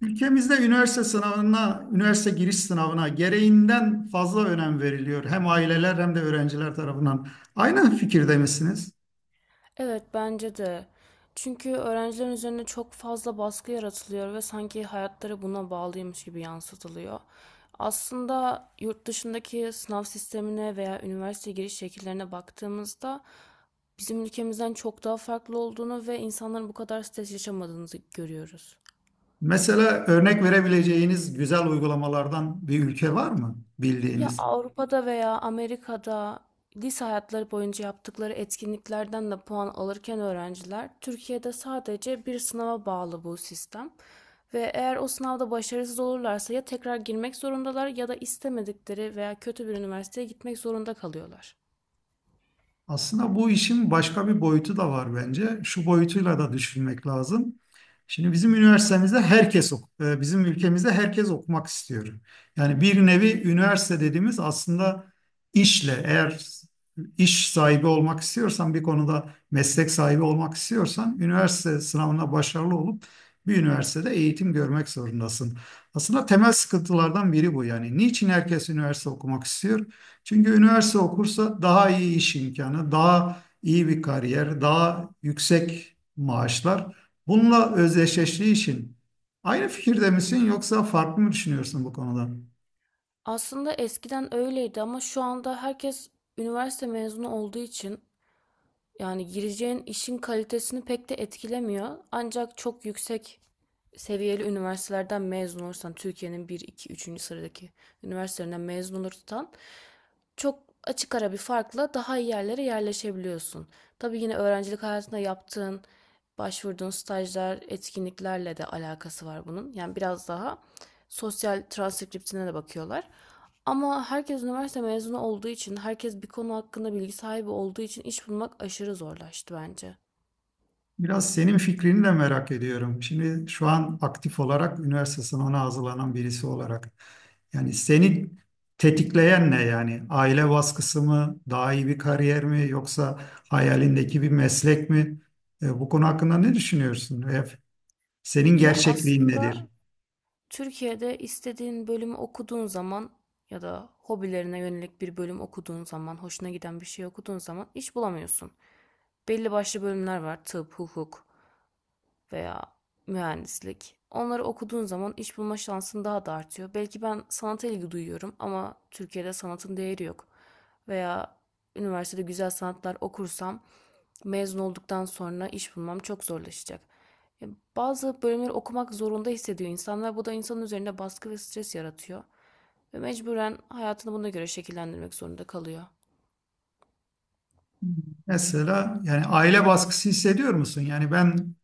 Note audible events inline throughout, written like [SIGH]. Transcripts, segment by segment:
Ülkemizde üniversite sınavına, üniversite giriş sınavına gereğinden fazla önem veriliyor. Hem aileler hem de öğrenciler tarafından. Aynı fikirde misiniz? Evet, bence de. Çünkü öğrencilerin üzerine çok fazla baskı yaratılıyor ve sanki hayatları buna bağlıymış gibi yansıtılıyor. Aslında yurt dışındaki sınav sistemine veya üniversite giriş şekillerine baktığımızda bizim ülkemizden çok daha farklı olduğunu ve insanların bu kadar stres yaşamadığını görüyoruz. Mesela örnek verebileceğiniz güzel uygulamalardan bir ülke var mı Ya bildiğiniz? Avrupa'da veya Amerika'da lise hayatları boyunca yaptıkları etkinliklerden de puan alırken öğrenciler, Türkiye'de sadece bir sınava bağlı bu sistem. Ve eğer o sınavda başarısız olurlarsa ya tekrar girmek zorundalar ya da istemedikleri veya kötü bir üniversiteye gitmek zorunda kalıyorlar. Aslında bu işin başka bir boyutu da var bence. Şu boyutuyla da düşünmek lazım. Şimdi bizim üniversitemizde herkes bizim ülkemizde herkes okumak istiyor. Yani bir nevi üniversite dediğimiz aslında işle eğer iş sahibi olmak istiyorsan bir konuda meslek sahibi olmak istiyorsan üniversite sınavına başarılı olup bir üniversitede eğitim görmek zorundasın. Aslında temel sıkıntılardan biri bu yani. Niçin herkes üniversite okumak istiyor? Çünkü üniversite okursa daha iyi iş imkanı, daha iyi bir kariyer, daha yüksek maaşlar. Bununla özdeşleştiği için aynı fikirde misin yoksa farklı mı düşünüyorsun bu konuda? Aslında eskiden öyleydi ama şu anda herkes üniversite mezunu olduğu için yani gireceğin işin kalitesini pek de etkilemiyor. Ancak çok yüksek seviyeli üniversitelerden mezun olursan, Türkiye'nin bir, 2, üçüncü sıradaki üniversitelerinden mezun olursan çok açık ara bir farkla daha iyi yerlere yerleşebiliyorsun. Tabii yine öğrencilik hayatında yaptığın, başvurduğun stajlar, etkinliklerle de alakası var bunun. Yani biraz daha sosyal transkriptine de bakıyorlar. Ama herkes üniversite mezunu olduğu için, herkes bir konu hakkında bilgi sahibi olduğu için iş bulmak aşırı zorlaştı bence. Biraz senin fikrini de merak ediyorum. Şimdi şu an aktif olarak üniversite sınavına hazırlanan birisi olarak. Yani seni tetikleyen ne yani? Aile baskısı mı, daha iyi bir kariyer mi yoksa hayalindeki bir meslek mi? Bu konu hakkında ne düşünüyorsun? Senin Ya gerçekliğin nedir? aslında Türkiye'de istediğin bölümü okuduğun zaman ya da hobilerine yönelik bir bölüm okuduğun zaman, hoşuna giden bir şey okuduğun zaman iş bulamıyorsun. Belli başlı bölümler var. Tıp, hukuk veya mühendislik. Onları okuduğun zaman iş bulma şansın daha da artıyor. Belki ben sanata ilgi duyuyorum ama Türkiye'de sanatın değeri yok. Veya üniversitede güzel sanatlar okursam mezun olduktan sonra iş bulmam çok zorlaşacak. E, Bazı bölümleri okumak zorunda hissediyor insanlar. Bu da insanın üzerinde baskı ve stres yaratıyor. Ve mecburen hayatını buna göre şekillendirmek zorunda kalıyor. Mesela yani aile baskısı hissediyor musun? Yani ben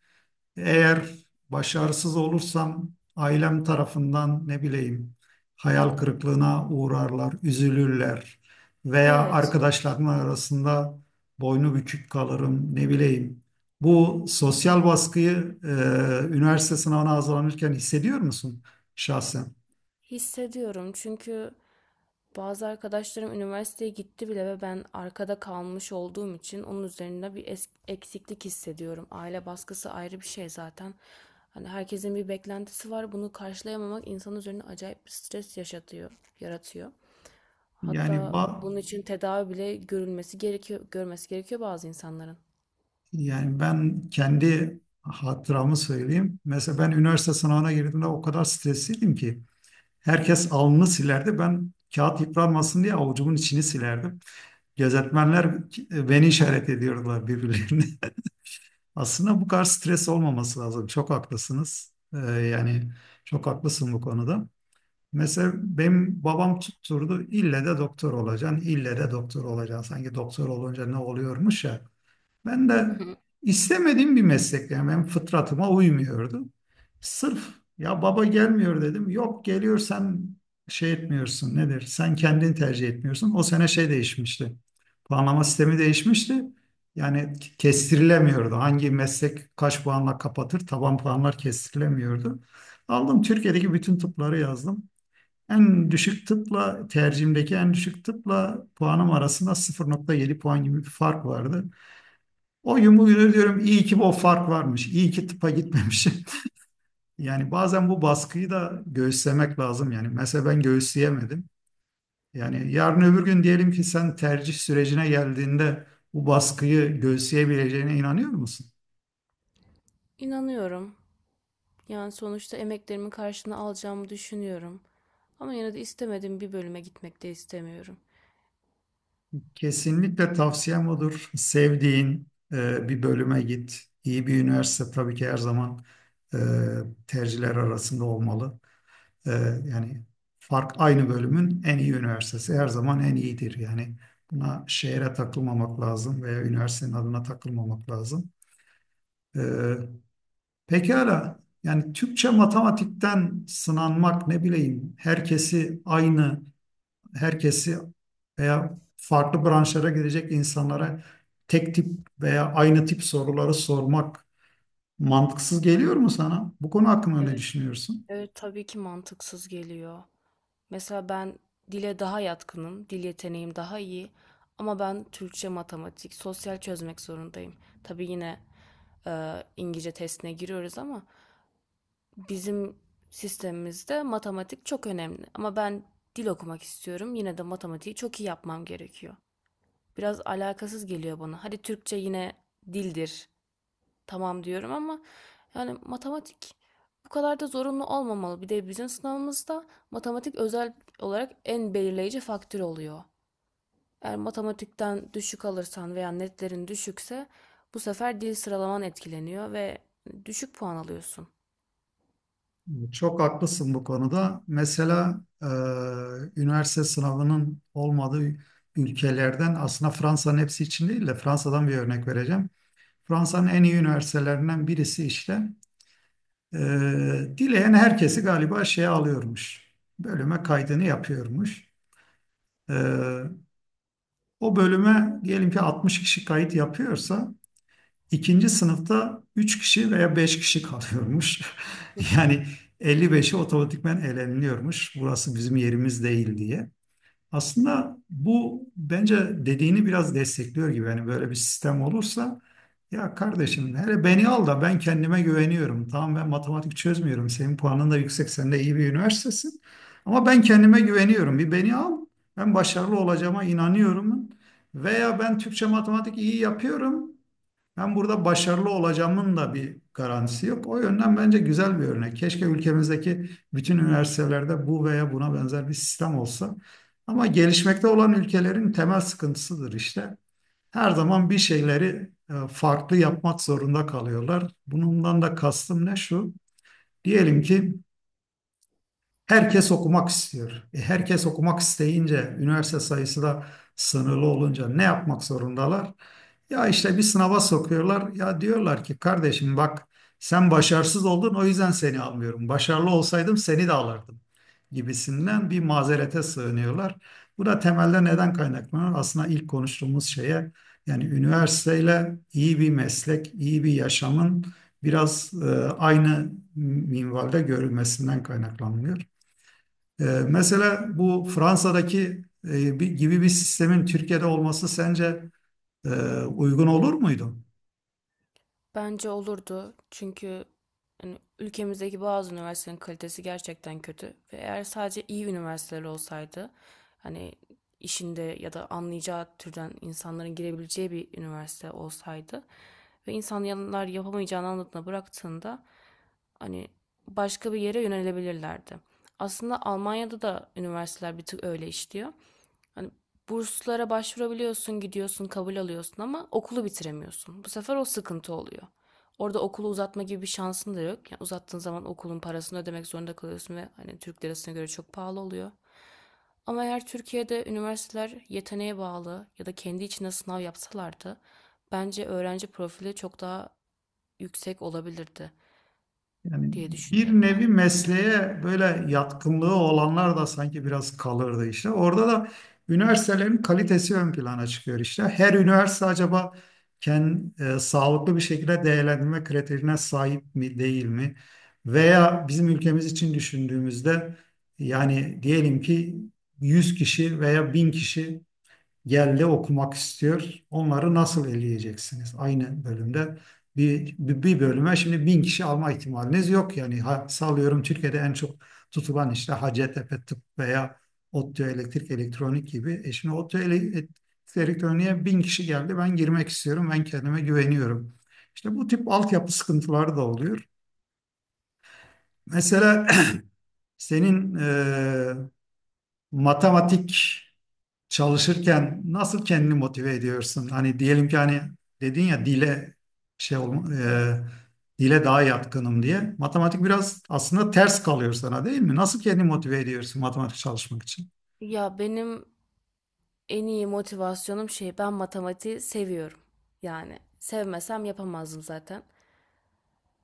eğer başarısız olursam ailem tarafından ne bileyim hayal kırıklığına uğrarlar, üzülürler veya Evet. arkadaşlarım arasında boynu bükük kalırım ne bileyim. Bu sosyal baskıyı üniversite sınavına hazırlanırken hissediyor musun şahsen? Hissediyorum çünkü bazı arkadaşlarım üniversiteye gitti bile ve ben arkada kalmış olduğum için onun üzerinde bir eksiklik hissediyorum. Aile baskısı ayrı bir şey zaten. Hani herkesin bir beklentisi var. Bunu karşılayamamak insan üzerine acayip bir stres yaşatıyor, yaratıyor. Yani Hatta ba- bunun için tedavi bile görülmesi gerekiyor, görmesi gerekiyor bazı insanların. Yani ben kendi hatıramı söyleyeyim. Mesela ben üniversite sınavına girdiğimde o kadar stresliydim ki herkes alnını silerdi. Ben kağıt yıpranmasın diye avucumun içini silerdim. Gözetmenler beni işaret ediyordular birbirlerine. [LAUGHS] Aslında bu kadar stres olmaması lazım. Çok haklısınız. Yani çok haklısın bu konuda. Mesela benim babam tutturdu ille de doktor olacaksın, ille de doktor olacaksın. Sanki doktor olunca ne oluyormuş ya. Ben Hı de hı. istemediğim bir meslek yani benim fıtratıma uymuyordu. Sırf ya baba gelmiyor dedim. Yok geliyor sen şey etmiyorsun nedir? Sen kendini tercih etmiyorsun. O sene şey değişmişti. Puanlama sistemi değişmişti. Yani kestirilemiyordu. Hangi meslek kaç puanla kapatır? Taban puanlar kestirilemiyordu. Aldım Türkiye'deki bütün tıpları yazdım. En düşük tıpla tercihimdeki en düşük tıpla puanım arasında 0.7 puan gibi bir fark vardı. O yumru diyorum iyi ki o fark varmış. İyi ki tıpa gitmemişim. [LAUGHS] Yani bazen bu baskıyı da göğüslemek lazım. Yani mesela ben göğüsleyemedim. Yani yarın öbür gün diyelim ki sen tercih sürecine geldiğinde bu baskıyı göğüsleyebileceğine inanıyor musun? İnanıyorum. Yani sonuçta emeklerimin karşılığını alacağımı düşünüyorum. Ama yine de istemediğim bir bölüme gitmek de istemiyorum. Kesinlikle tavsiyem odur. Sevdiğin bir bölüme git. İyi bir üniversite tabii ki her zaman e, tercihler arasında olmalı. Ee, yani fark aynı bölümün en iyi üniversitesi her zaman en iyidir. Yani buna şehre takılmamak lazım veya üniversitenin adına takılmamak lazım. Ee, pekala yani Türkçe matematikten sınanmak ne bileyim herkesi veya farklı branşlara gidecek insanlara tek tip veya aynı tip soruları sormak mantıksız geliyor mu sana? Bu konu hakkında ne Evet, düşünüyorsun? evet tabii ki mantıksız geliyor. Mesela ben dile daha yatkınım, dil yeteneğim daha iyi. Ama ben Türkçe, matematik, sosyal çözmek zorundayım. Tabii yine İngilizce testine giriyoruz ama bizim sistemimizde matematik çok önemli. Ama ben dil okumak istiyorum. Yine de matematiği çok iyi yapmam gerekiyor. Biraz alakasız geliyor bana. Hadi Türkçe yine dildir. Tamam diyorum ama yani matematik bu kadar da zorunlu olmamalı. Bir de bizim sınavımızda matematik özel olarak en belirleyici faktör oluyor. Eğer matematikten düşük alırsan veya netlerin düşükse bu sefer dil sıralaman etkileniyor ve düşük puan alıyorsun. Çok haklısın bu konuda. Mesela üniversite sınavının olmadığı ülkelerden aslında Fransa'nın hepsi için değil de Fransa'dan bir örnek vereceğim. Fransa'nın en iyi üniversitelerinden birisi işte e, dileyen herkesi galiba şeye alıyormuş. Bölüme kaydını yapıyormuş. E, o bölüme diyelim ki 60 kişi kayıt yapıyorsa İkinci sınıfta 3 kişi veya 5 kişi kalıyormuş. [LAUGHS] Yani 55'i otomatikmen eleniliyormuş. Burası bizim yerimiz değil diye. Aslında bu bence dediğini biraz destekliyor gibi. Yani böyle bir sistem olursa ya kardeşim hele beni al da ben kendime güveniyorum. Tamam ben matematik çözmüyorum. Senin puanın da yüksek. Sen de iyi bir üniversitesin. Ama ben kendime güveniyorum. Bir beni al. Ben başarılı olacağıma inanıyorum. Veya ben Türkçe matematik iyi yapıyorum. Ben burada başarılı olacağımın da bir garantisi yok. O yönden bence güzel bir örnek. Keşke ülkemizdeki bütün üniversitelerde bu veya buna benzer bir sistem olsa. Ama gelişmekte olan ülkelerin temel sıkıntısıdır işte. Her zaman bir şeyleri farklı yapmak zorunda kalıyorlar. Bundan da kastım ne şu? Diyelim ki herkes okumak istiyor. E, herkes okumak isteyince, üniversite sayısı da sınırlı olunca ne yapmak zorundalar? Ya işte bir sınava sokuyorlar. Ya diyorlar ki kardeşim bak sen başarısız oldun o yüzden seni almıyorum. Başarılı olsaydım seni de alırdım gibisinden bir mazerete sığınıyorlar. Bu da temelde neden kaynaklanıyor? Aslında ilk konuştuğumuz şeye yani üniversiteyle iyi bir meslek, iyi bir yaşamın biraz aynı minvalde görülmesinden kaynaklanmıyor. Mesela bu Fransa'daki gibi bir sistemin Türkiye'de olması sence e, uygun olur muydu? Bence olurdu çünkü hani ülkemizdeki bazı üniversitelerin kalitesi gerçekten kötü ve eğer sadece iyi üniversiteler olsaydı, hani işinde ya da anlayacağı türden insanların girebileceği bir üniversite olsaydı ve insanlar yapamayacağını anladığında bıraktığında hani başka bir yere yönelebilirlerdi. Aslında Almanya'da da üniversiteler bir tık öyle işliyor. Hani burslara başvurabiliyorsun, gidiyorsun, kabul alıyorsun ama okulu bitiremiyorsun. Bu sefer o sıkıntı oluyor. Orada okulu uzatma gibi bir şansın da yok. Yani uzattığın zaman okulun parasını ödemek zorunda kalıyorsun ve hani Türk lirasına göre çok pahalı oluyor. Ama eğer Türkiye'de üniversiteler yeteneğe bağlı ya da kendi içinde sınav yapsalardı, bence öğrenci profili çok daha yüksek olabilirdi Yani diye bir düşünüyorum ben. nevi mesleğe böyle yatkınlığı olanlar da sanki biraz kalırdı işte. Orada da üniversitelerin kalitesi ön plana çıkıyor işte. Her üniversite acaba kendi sağlıklı bir şekilde değerlendirme kriterine sahip mi değil mi? Veya bizim ülkemiz için düşündüğümüzde yani diyelim ki 100 kişi veya 1000 kişi geldi okumak istiyor. Onları nasıl eleyeceksiniz? Aynı bölümde bir bölüme şimdi bin kişi alma ihtimaliniz yok. Yani ha, sallıyorum Türkiye'de en çok tutulan işte Hacettepe Tıp veya ODTÜ Elektrik Elektronik gibi. E şimdi Elektronik'e bin kişi geldi. Ben girmek istiyorum. Ben kendime güveniyorum. İşte bu tip altyapı sıkıntıları da oluyor. Mesela Evet. [CLEARS THROAT] [LAUGHS] senin matematik çalışırken nasıl kendini motive ediyorsun? Hani diyelim ki hani dedin ya dile şey olma, Evet. dile daha yatkınım diye. Matematik biraz aslında ters kalıyor sana değil mi? Nasıl kendini motive ediyorsun matematik çalışmak için? Ya benim en iyi motivasyonum şey, ben matematiği seviyorum. Yani sevmesem yapamazdım zaten.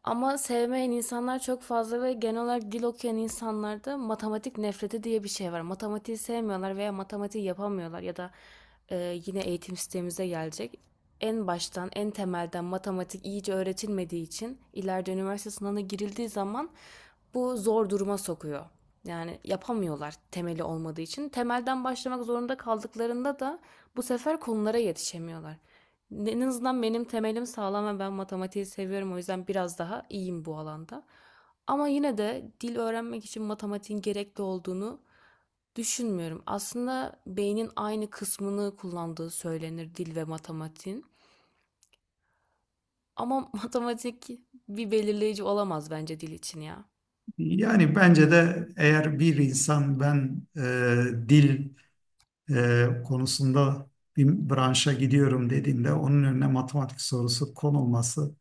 Ama sevmeyen insanlar çok fazla ve genel olarak dil okuyan insanlarda matematik nefreti diye bir şey var. Matematiği sevmiyorlar veya matematiği yapamıyorlar ya da yine eğitim sistemimize gelecek. En baştan, en temelden matematik iyice öğretilmediği için ileride üniversite sınavına girildiği zaman bu zor duruma sokuyor. Yani yapamıyorlar temeli olmadığı için. Temelden başlamak zorunda kaldıklarında da bu sefer konulara yetişemiyorlar. En azından benim temelim sağlam ve ben matematiği seviyorum. O yüzden biraz daha iyiyim bu alanda. Ama yine de dil öğrenmek için matematiğin gerekli olduğunu düşünmüyorum. Aslında beynin aynı kısmını kullandığı söylenir dil ve matematiğin. Ama [LAUGHS] matematik bir belirleyici olamaz bence dil için ya. Yani bence de eğer bir insan ben dil konusunda bir branşa gidiyorum dediğinde onun önüne matematik sorusu konulması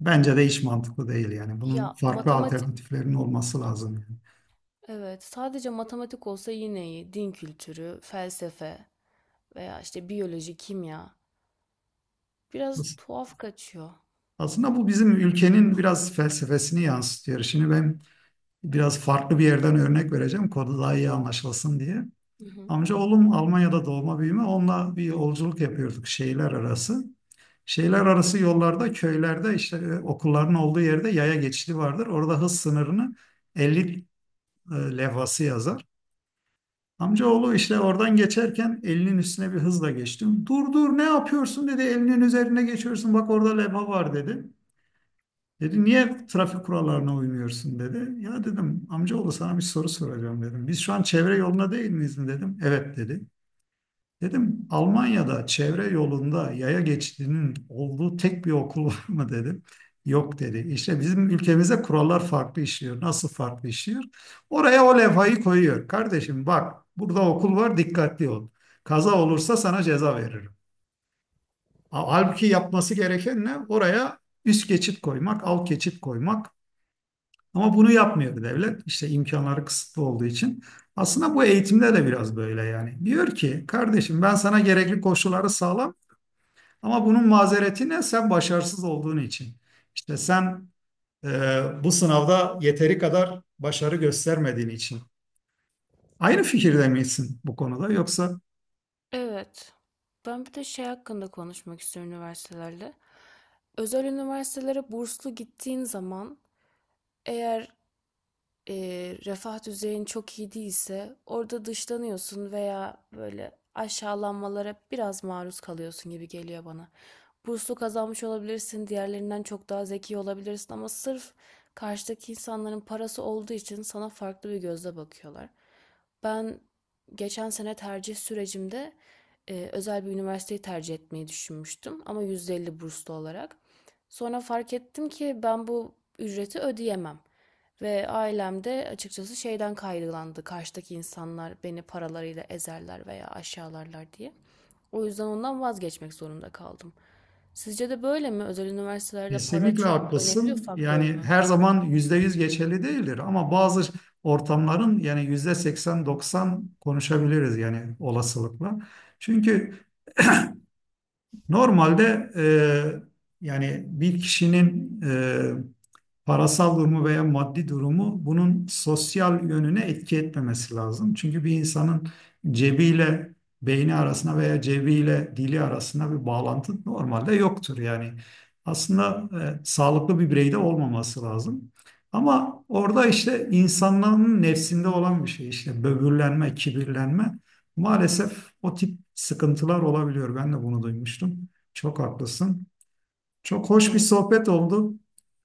bence de hiç mantıklı değil yani. Ya Bunun farklı matematik, alternatiflerinin olması lazım yani. evet sadece matematik olsa yine iyi. Din kültürü, felsefe veya işte biyoloji, kimya biraz As- tuhaf kaçıyor. Aslında bu bizim ülkenin biraz felsefesini yansıtıyor. Şimdi ben biraz farklı bir yerden örnek vereceğim konu daha iyi anlaşılsın diye. Hı hı. Amcaoğlum Almanya'da doğma büyüme onunla bir yolculuk yapıyorduk şehirler arası. Şehirler arası yollarda, köylerde işte okulların olduğu yerde yaya geçidi vardır. Orada hız sınırını 50 levhası yazar. Amcaoğlu işte oradan geçerken elinin üstüne bir hızla geçtim. Dur dur ne yapıyorsun dedi. Elinin üzerine geçiyorsun bak orada levha var dedi. Dedi niye trafik kurallarına uymuyorsun dedi. Ya dedim amcaoğlu sana bir soru soracağım dedim. Biz şu an çevre yoluna değil miyiz dedim. Evet dedi. Dedim Almanya'da çevre yolunda yaya geçidinin olduğu tek bir okul [LAUGHS] var mı dedim. Yok dedi. İşte bizim ülkemizde kurallar farklı işliyor. Nasıl farklı işliyor? Oraya o levhayı koyuyor. Kardeşim bak burada okul var dikkatli ol. Kaza olursa sana ceza veririm. Halbuki yapması gereken ne? Oraya üst geçit koymak, alt geçit koymak. Ama bunu yapmıyor devlet. İşte imkanları kısıtlı olduğu için. Aslında bu eğitimde de biraz böyle yani. Diyor ki kardeşim ben sana gerekli koşulları sağlam ama bunun mazereti ne? Sen başarısız olduğun için. İşte sen bu sınavda yeteri kadar başarı göstermediğin için. Aynı fikirde misin bu konuda yoksa? Evet. Ben bir de şey hakkında konuşmak istiyorum üniversitelerle. Özel üniversitelere burslu gittiğin zaman, eğer e, refah düzeyin çok iyi değilse orada dışlanıyorsun veya böyle aşağılanmalara biraz maruz kalıyorsun gibi geliyor bana. Burslu kazanmış olabilirsin, diğerlerinden çok daha zeki olabilirsin ama sırf karşıdaki insanların parası olduğu için sana farklı bir gözle bakıyorlar. Ben geçen sene tercih sürecimde özel bir üniversiteyi tercih etmeyi düşünmüştüm ama %50 burslu olarak. Sonra fark ettim ki ben bu ücreti ödeyemem. Ve ailem de açıkçası şeyden kaygılandı. Karşıdaki insanlar beni paralarıyla ezerler veya aşağılarlar diye. O yüzden ondan vazgeçmek zorunda kaldım. Sizce de böyle mi? Özel üniversitelerde para Kesinlikle çok önemli bir haklısın. faktör Yani mü? her zaman %100 geçerli değildir ama bazı ortamların yani %80 %90 konuşabiliriz yani olasılıkla. Çünkü normalde yani bir kişinin parasal durumu veya maddi durumu bunun sosyal yönüne etki etmemesi lazım. Çünkü bir insanın cebiyle beyni arasında veya cebiyle dili arasında bir bağlantı normalde yoktur. Yani aslında sağlıklı bir bireyde olmaması lazım. Ama orada işte insanların nefsinde olan bir şey işte böbürlenme, kibirlenme maalesef o tip sıkıntılar olabiliyor. Ben de bunu duymuştum. Çok haklısın. Çok hoş bir Evet. sohbet oldu.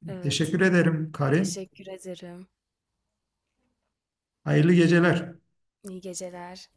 Evet. Teşekkür ederim Karin. Teşekkür ederim. Hayırlı geceler. İyi geceler.